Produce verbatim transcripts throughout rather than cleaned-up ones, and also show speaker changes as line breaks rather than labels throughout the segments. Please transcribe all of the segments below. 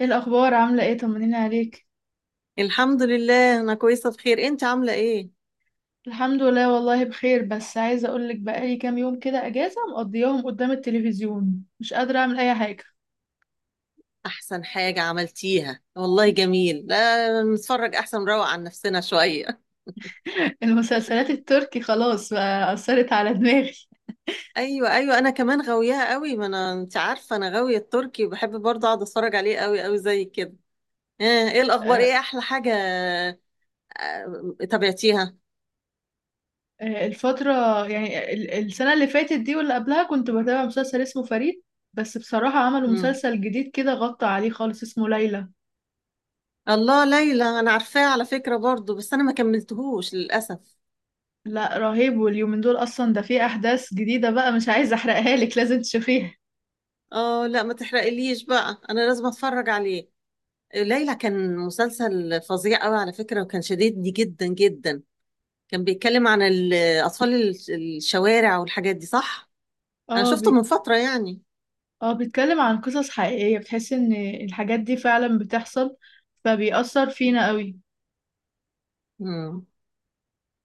ايه الاخبار؟ عامله ايه؟ طمنيني عليك.
الحمد لله، أنا كويسة بخير. أنت عاملة إيه؟
الحمد لله والله بخير، بس عايزه اقولك بقالي كام يوم كده اجازه مقضياهم قدام التلفزيون، مش قادره اعمل اي حاجه.
أحسن حاجة عملتيها والله. جميل، لا نتفرج أحسن نروق عن نفسنا شوية.
المسلسلات التركي خلاص بقى اثرت على دماغي.
أيوة أيوة، أنا كمان غاويها قوي. ما أنا أنت عارفة أنا غاوية التركي، وبحب برضه أقعد أتفرج عليه قوي قوي زي كده. آه، إيه الأخبار؟
آه،
إيه أحلى حاجة؟ آه، تابعتيها؟
آه، الفتره، يعني ال- السنه اللي فاتت دي واللي قبلها كنت بتابع مسلسل اسمه فريد. بس بصراحه عملوا
مم.
مسلسل جديد كده غطى عليه خالص، اسمه ليلى.
الله، ليلى أنا عارفاه على فكرة برضه، بس أنا ما كملتهوش للأسف.
لا رهيب، واليومين دول اصلا ده فيه احداث جديده بقى، مش عايزه احرقها لك، لازم تشوفيها.
آه لا، ما تحرقليش بقى، أنا لازم أتفرج عليه. ليلى كان مسلسل فظيع قوي على فكرة، وكان شديدني جدا جدا. كان بيتكلم عن ال- أطفال ال- الشوارع والحاجات دي، صح؟ أنا
اه
شفته من فترة يعني.
اه، بيتكلم عن قصص حقيقية، بتحس ان الحاجات دي فعلا بتحصل، فبيأثر فينا قوي.
مم.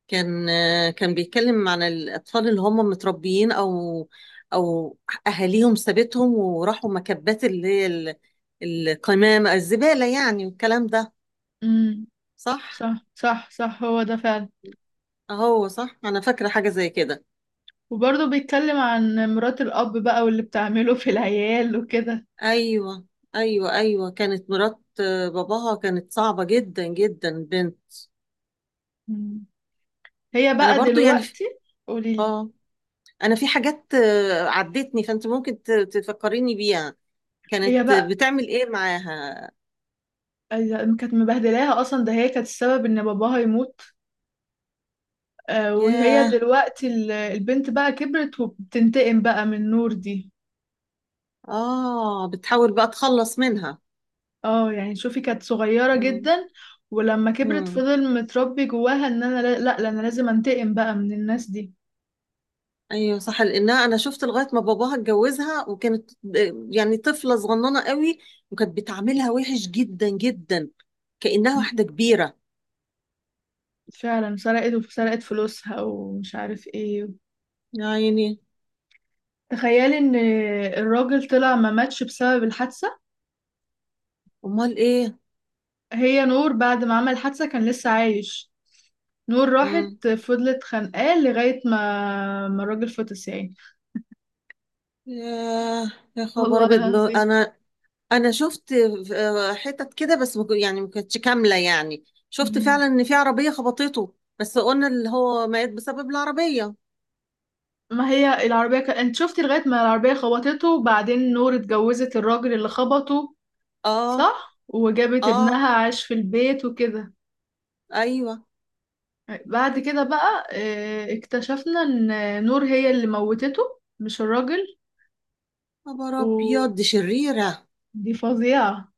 كان كان بيتكلم عن الأطفال اللي هم متربيين، أو أو أهاليهم سابتهم وراحوا مكبات اللي هي ال- القمامة الزبالة يعني، والكلام ده.
امم،
صح؟
صح صح صح، هو ده فعلا.
أهو صح، أنا فاكرة حاجة زي كده.
وبرضه بيتكلم عن مرات الأب بقى واللي بتعمله في العيال وكده.
ايوه ايوه ايوه، كانت مرات آه، باباها كانت صعبه جدا جدا، بنت.
مم. هي
انا
بقى
برضو يعني.
دلوقتي. قوليلي.
اه. انا في حاجات آه، عدتني، فانت ممكن ت- تفكريني بيها.
هي
كانت
بقى،
بتعمل ايه معاها؟
أيوة، كانت مبهدلاها، اصلا ده هي كانت السبب ان باباها يموت. آه، وهي
ياه.
دلوقتي ال- البنت بقى كبرت وبتنتقم بقى من نور دي.
اه، بتحاول بقى تخلص منها.
اه يعني شوفي، كانت صغيرة
مم.
جدا، ولما كبرت
مم.
فضل متربي جواها ان انا لا لا لا، انا لازم انتقم بقى من الناس دي.
ايوه صح، لانها انا شفت لغايه ما باباها اتجوزها، وكانت آه، يعني طفله صغننه قوي، وكانت بتعاملها وحش جدا جدا كانها
م.
واحده كبيره.
فعلا سرقت وسرقت فلوسها ومش عارف ايه.
يا عيني.
تخيلي ان الراجل طلع ما ماتش بسبب الحادثة.
امال ايه؟
هي نور بعد ما عمل الحادثة كان لسه عايش. نور
مم.
راحت فضلت خانقاه لغاية ما ما الراجل فطس يعني.
ياه يا خبر
والله
ابيض. ما
العظيم.
انا انا شفت آه، حتت كده، بس ما كن- يعني ما كانتش كامله. يعني شفت
مم.
فعلا ان في عربيه خبطته، بس قلنا اللي هو مات بسبب العربيه.
ما هي العربية ك... انت شفتي لغاية ما العربية خبطته، وبعدين نور اتجوزت الراجل اللي خبطه،
اه.
صح، وجابت
اه.
ابنها عاش في البيت وكده.
ايوه.
بعد كده بقى آه، اكتشفنا ان نور هي اللي موتته، مش الراجل.
خبر ابيض،
ودي
دي شريره
فظيعة.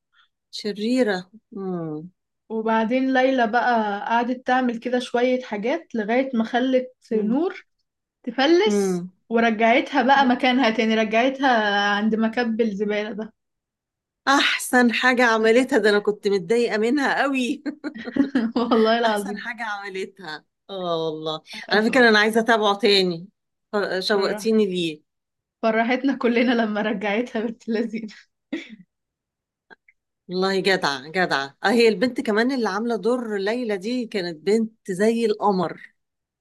شريره. مم.
وبعدين ليلى بقى قعدت تعمل كده شوية حاجات لغاية ما خلت
مم.
نور تفلس،
مم.
ورجعتها بقى مكانها تاني، رجعتها عند مكب الزبالة ده.
احسن حاجه عملتها، ده انا كنت متضايقه منها قوي.
والله
احسن
العظيم.
حاجه عملتها، اه والله. على فكره انا عايزه اتابعه تاني،
فرحت،
شوقتيني ليه.
فرحتنا كلنا لما رجعتها بنت لذينه.
والله جدعة جدعة. اه، هي البنت كمان اللي عاملة دور ليلى دي كانت بنت زي القمر.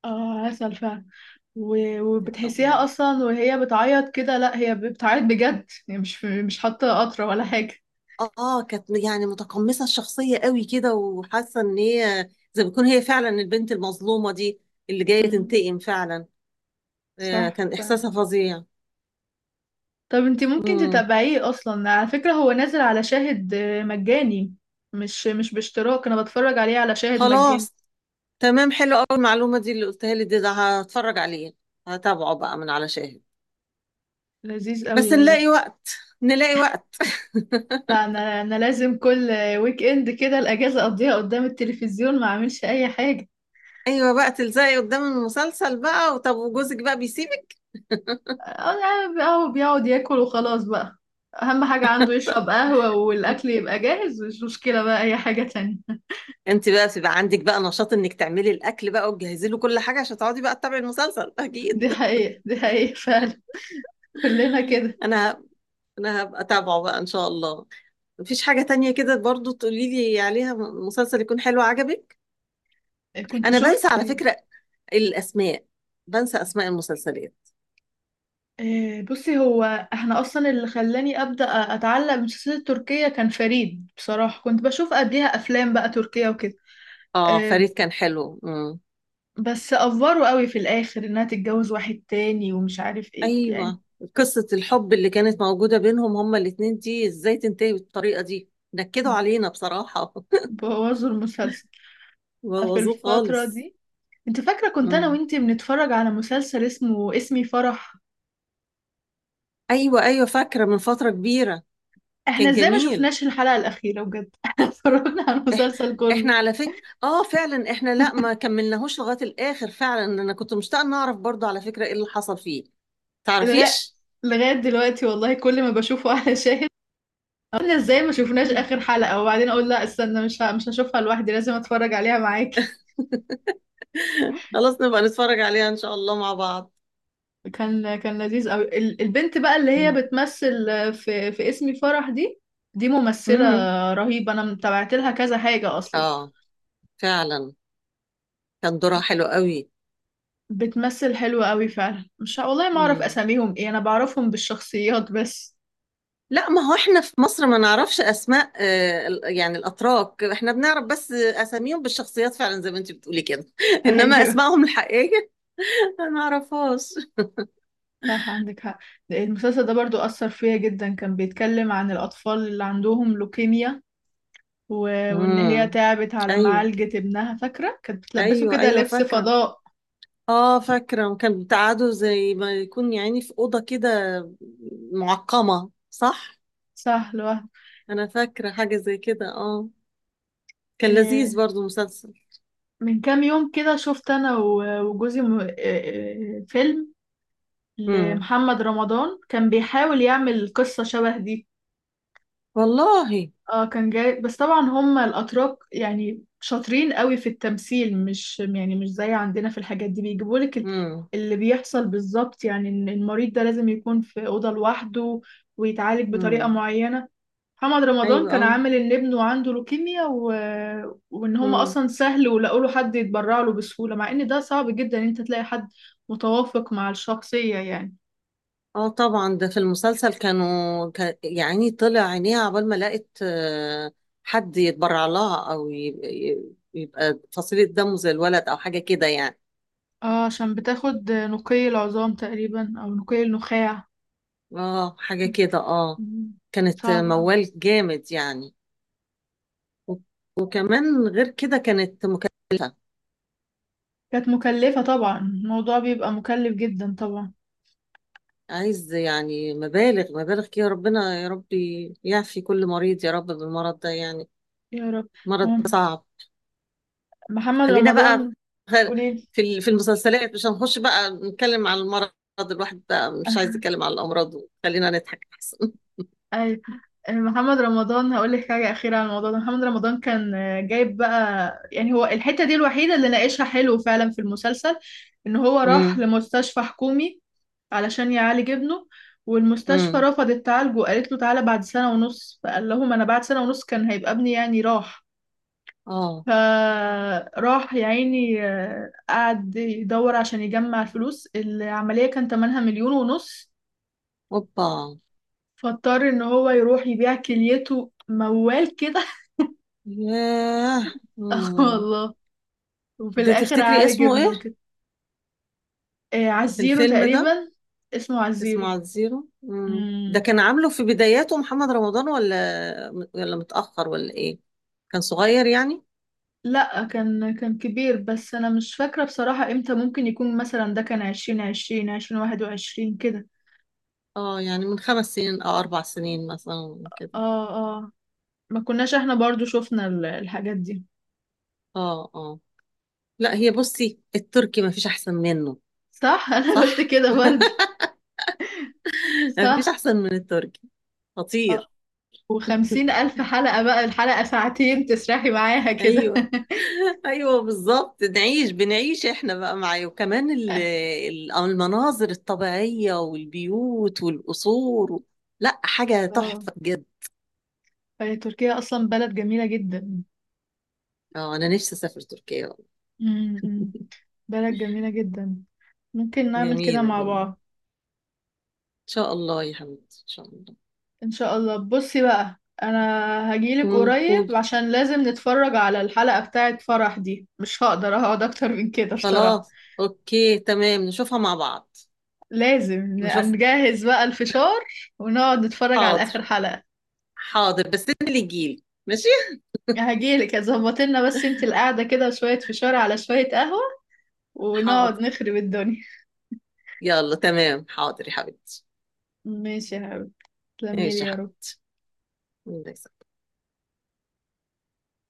اه عسل فعلا. و-
كانت
وبتحسيها اصلا وهي بتعيط كده، لا هي بتعيط بجد، هي مش مش حاطه قطره ولا حاجه.
اه آه، كانت يعني متقمصة الشخصية قوي كده، وحاسة ان هي زي ما بتكون هي فعلا البنت المظلومة دي، اللي جاية
امم
تنتقم فعلا. آه،
صح.
كان
ف...
احساسها فظيع.
طب انتي ممكن
امم.
تتابعيه اصلا، على فكره هو نازل على شاهد، آه، مجاني، مش مش باشتراك، انا بتفرج عليه على شاهد مجاني.
خلاص، تمام، حلو قوي المعلومة دي اللي قلتها لي دي. ده هتفرج عليه، هتابعه بقى من على شاهد.
لذيذ قوي
بس
والله.
نلاقي وقت، نلاقي وقت.
لا، انا انا لازم كل ويك اند كده الاجازه اقضيها قدام التلفزيون، ما اعملش اي حاجه.
ايوه بقى، تلزقي قدام المسلسل بقى. وطب وجوزك بقى بيسيبك؟
اه يعني هو بيقعد ياكل وخلاص بقى، اهم حاجة عنده يشرب قهوة والاكل يبقى جاهز، مش مشكلة بقى اي حاجة تانية.
انت بقى بيبقى عندك بقى نشاط انك تعملي الاكل بقى وتجهزي له كل حاجه عشان تقعدي بقى تتابعي المسلسل، اكيد.
دي حقيقة، دي حقيقة فعلا، كلنا كده.
انا ه- انا هبقى اتابعه بقى ان شاء الله. مفيش حاجه تانية كده برضو تقولي لي عليها؟ م- مسلسل يكون حلو عجبك.
كنت
انا بنسى
شفت،
على فكره الاسماء، بنسى اسماء المسلسلات.
آه، بصي، هو احنا اصلا اللي خلاني ابدا اتعلق بالمسلسلات التركيه كان فريد، بصراحه كنت بشوف قبليها افلام بقى تركيه وكده.
اه،
آه،
فريد كان حلو. امم.
بس افوروا قوي في الاخر انها تتجوز واحد تاني ومش عارف ايه يعني،
ايوه، قصه الحب اللي كانت موجوده بينهم هما الاتنين دي، ازاي تنتهي بالطريقه دي؟ نكدوا علينا بصراحه.
بوظوا المسلسل. ففي
بوظوه
الفتره
خالص.
دي، انت فاكرة كنت انا وانتي بنتفرج على مسلسل اسمه اسمي فرح؟
ايوه ايوه، فاكره من فتره كبيره.
احنا
كان
ازاي ما
جميل.
شفناش الحلقة الأخيرة بجد؟ احنا اتفرجنا على
إح...
المسلسل كله.
احنا على فكره. اه فعلا احنا لا، ما كملناهوش لغايه الاخر فعلا، انا كنت مشتاقه ان اعرف برضو على فكره ايه اللي حصل فيه.
لغاية
تعرفيش؟
لغاية دلوقتي والله، كل ما بشوفه على شاهد، احنا ازاي ما شفناش
مم.
آخر حلقة؟ وبعدين اقول لا استنى، مش ه- مش هشوفها لوحدي، لازم اتفرج عليها معاكي.
خلاص، نبقى نتفرج عليها ان شاء الله مع بعض.
كان كان لذيذ قوي، ال- البنت بقى اللي هي
مم.
بتمثل في في اسمي فرح دي، دي ممثلة
امم.
رهيبة، انا متابعت لها كذا حاجة اصلا.
اه فعلا، كان دورها حلو قوي.
بتمثل حلو قوي فعلا، مش ه- والله ما اعرف
امم.
اساميهم ايه، انا بعرفهم بالشخصيات بس.
لا ما هو احنا في مصر ما نعرفش اسماء آه ال- يعني الاتراك. احنا بنعرف بس اساميهم بالشخصيات فعلا زي ما انت بتقولي كده. انما
ايوه.
اسمائهم الحقيقيه ما نعرفهاش.
صح عندك حق. ده المسلسل ده برضو اثر فيا جدا، كان بيتكلم عن الاطفال اللي عندهم لوكيميا و... وان هي
امم.
تعبت على
ايوه
معالجة ابنها، فاكرة كانت بتلبسه
ايوه
كده
ايوه،
لبس
فاكره.
فضاء،
اه فاكره، وكان بتقعدوا زي ما يكون يعني في اوضه كده، معقمه، صح؟
صح، لوحده.
انا فاكره حاجه زي كده. اه، كان
إيه،
لذيذ برضو مسلسل.
من كام يوم كده شفت انا و- وجوزي م- إيه، إيه، فيلم
امم.
لمحمد رمضان كان بيحاول يعمل قصة شبه دي.
والله.
اه كان جاي، بس طبعا هم الاتراك يعني شاطرين قوي في التمثيل، مش يعني مش زي عندنا في الحاجات دي، بيجيبوا لك
امم.
اللي بيحصل بالظبط، يعني إن المريض ده لازم يكون في اوضه لوحده ويتعالج بطريقه
امم.
معينه. محمد رمضان
ايوه.
كان
اه.
عامل ان ابنه عنده لوكيميا و... وان هم
امم.
اصلا سهل ولقوا له حد يتبرع له بسهوله، مع ان ده صعب جدا ان انت تلاقي حد متوافق مع الشخصيه يعني.
اه طبعا، ده في المسلسل كانوا كان يعني طلع عينيها عقبال ما لقت آه، حد يتبرع لها، او يبقى, يبقى فصيله دمه زي الولد او حاجه كده يعني.
اه عشان بتاخد نقي العظام تقريبا او نقي النخاع.
اه حاجة كده. اه،
مم.
كانت
صعب أوي.
موال جامد يعني. و- وكمان غير كده كانت مكلفة.
كانت مكلفة طبعا، الموضوع بيبقى مكلف جدا طبعا.
عايز يعني مبالغ مبالغ كده. ربنا يا ربي يعفي كل مريض يا رب بالمرض ده يعني.
يا رب.
مرض
مم.
صعب.
محمد
خلينا بقى.
رمضان.
غير-
قوليلي.
في ال- في المسلسلات، مش هنخش بقى نتكلم عن المرض. الواحد بقى مش عايز يتكلم عن الأمراض، خلينا نضحك أحسن.
أيوة. محمد رمضان هقول لك حاجة أخيرة عن الموضوع ده. محمد رمضان كان جايب بقى، يعني هو الحتة دي الوحيدة اللي ناقشها حلو فعلا في المسلسل، إن هو راح
امم.
لمستشفى حكومي علشان يعالج ابنه، والمستشفى
امم.
رفضت تعالجه وقالت له تعالى بعد سنة ونص، فقال لهم أنا بعد سنة ونص كان هيبقى ابني يعني راح.
اه.
فراح يا عيني، آه، قعد يدور عشان يجمع الفلوس، العملية كان تمنها مليون ونص.
اوبا.
فاضطر ان هو يروح يبيع كليته موال كده.
ياه.
اه
مم.
والله. وفي
ده
الاخر
تفتكري
عالج
اسمه
ابنه
ايه؟
كده. آه، عزيرو
الفيلم ده.
تقريبا، اسمه
اسمه
عزيرو.
على الزيرو. مم. ده
مم.
كان عامله في بداياته محمد رمضان، ولا ولا متأخر، ولا ايه؟ كان صغير يعني.
لا، كان كان كبير، بس انا مش فاكرة بصراحة امتى، ممكن يكون مثلا ده كان عشرين عشرين، عشرين واحد وعشرين كده.
اه يعني من خمس سنين او اربع سنين مثلا كده.
اه اه، ما كناش احنا برضو شفنا ال- الحاجات دي.
اه. اه. لا، هي بصي التركي ما فيش احسن منه.
صح، انا قلت
صح.
كده برضه.
ما فيش
صح.
احسن من التركي،
آه.
خطير.
وخمسين الف حلقة بقى، الحلقة ساعتين تسرحي معاها كده.
ايوه. ايوه بالظبط، نعيش بنعيش احنا بقى معاه، وكمان ال- ال- المناظر الطبيعية والبيوت والقصور. لا، حاجة
اه.
تحفة جدا.
فهي تركيا اصلا بلد جميلة جدا.
اه انا نفسي اسافر تركيا والله.
امم، بلد جميلة جدا، ممكن نعمل كده
جميله
مع
جميله ان
بعض
شاء الله يا حبيبتي، ان شاء الله.
ان شاء الله. بصي بقى، انا هجيلك
امم.
قريب
قولي.
عشان لازم نتفرج على الحلقة بتاعة فرح دي، مش هقدر اقعد اكتر من كده بصراحة.
خلاص، اوكي، تمام، نشوفها مع بعض.
لازم
نشوف.
نجهز بقى الفشار ونقعد نتفرج على
حاضر
اخر حلقة.
حاضر، بس انت اللي تجيلي ماشي.
هجيلك، ظبط لنا بس انت القعدة كده، وشوية فشار على شوية قهوة، ونقعد
حاضر،
نخرب الدنيا.
يلا، تمام، حاضر يا حبيبتي.
ماشي يا حبيبي، تسلميلي
ماشي يا
يا رب.
حبيبتي. الله يسلمك.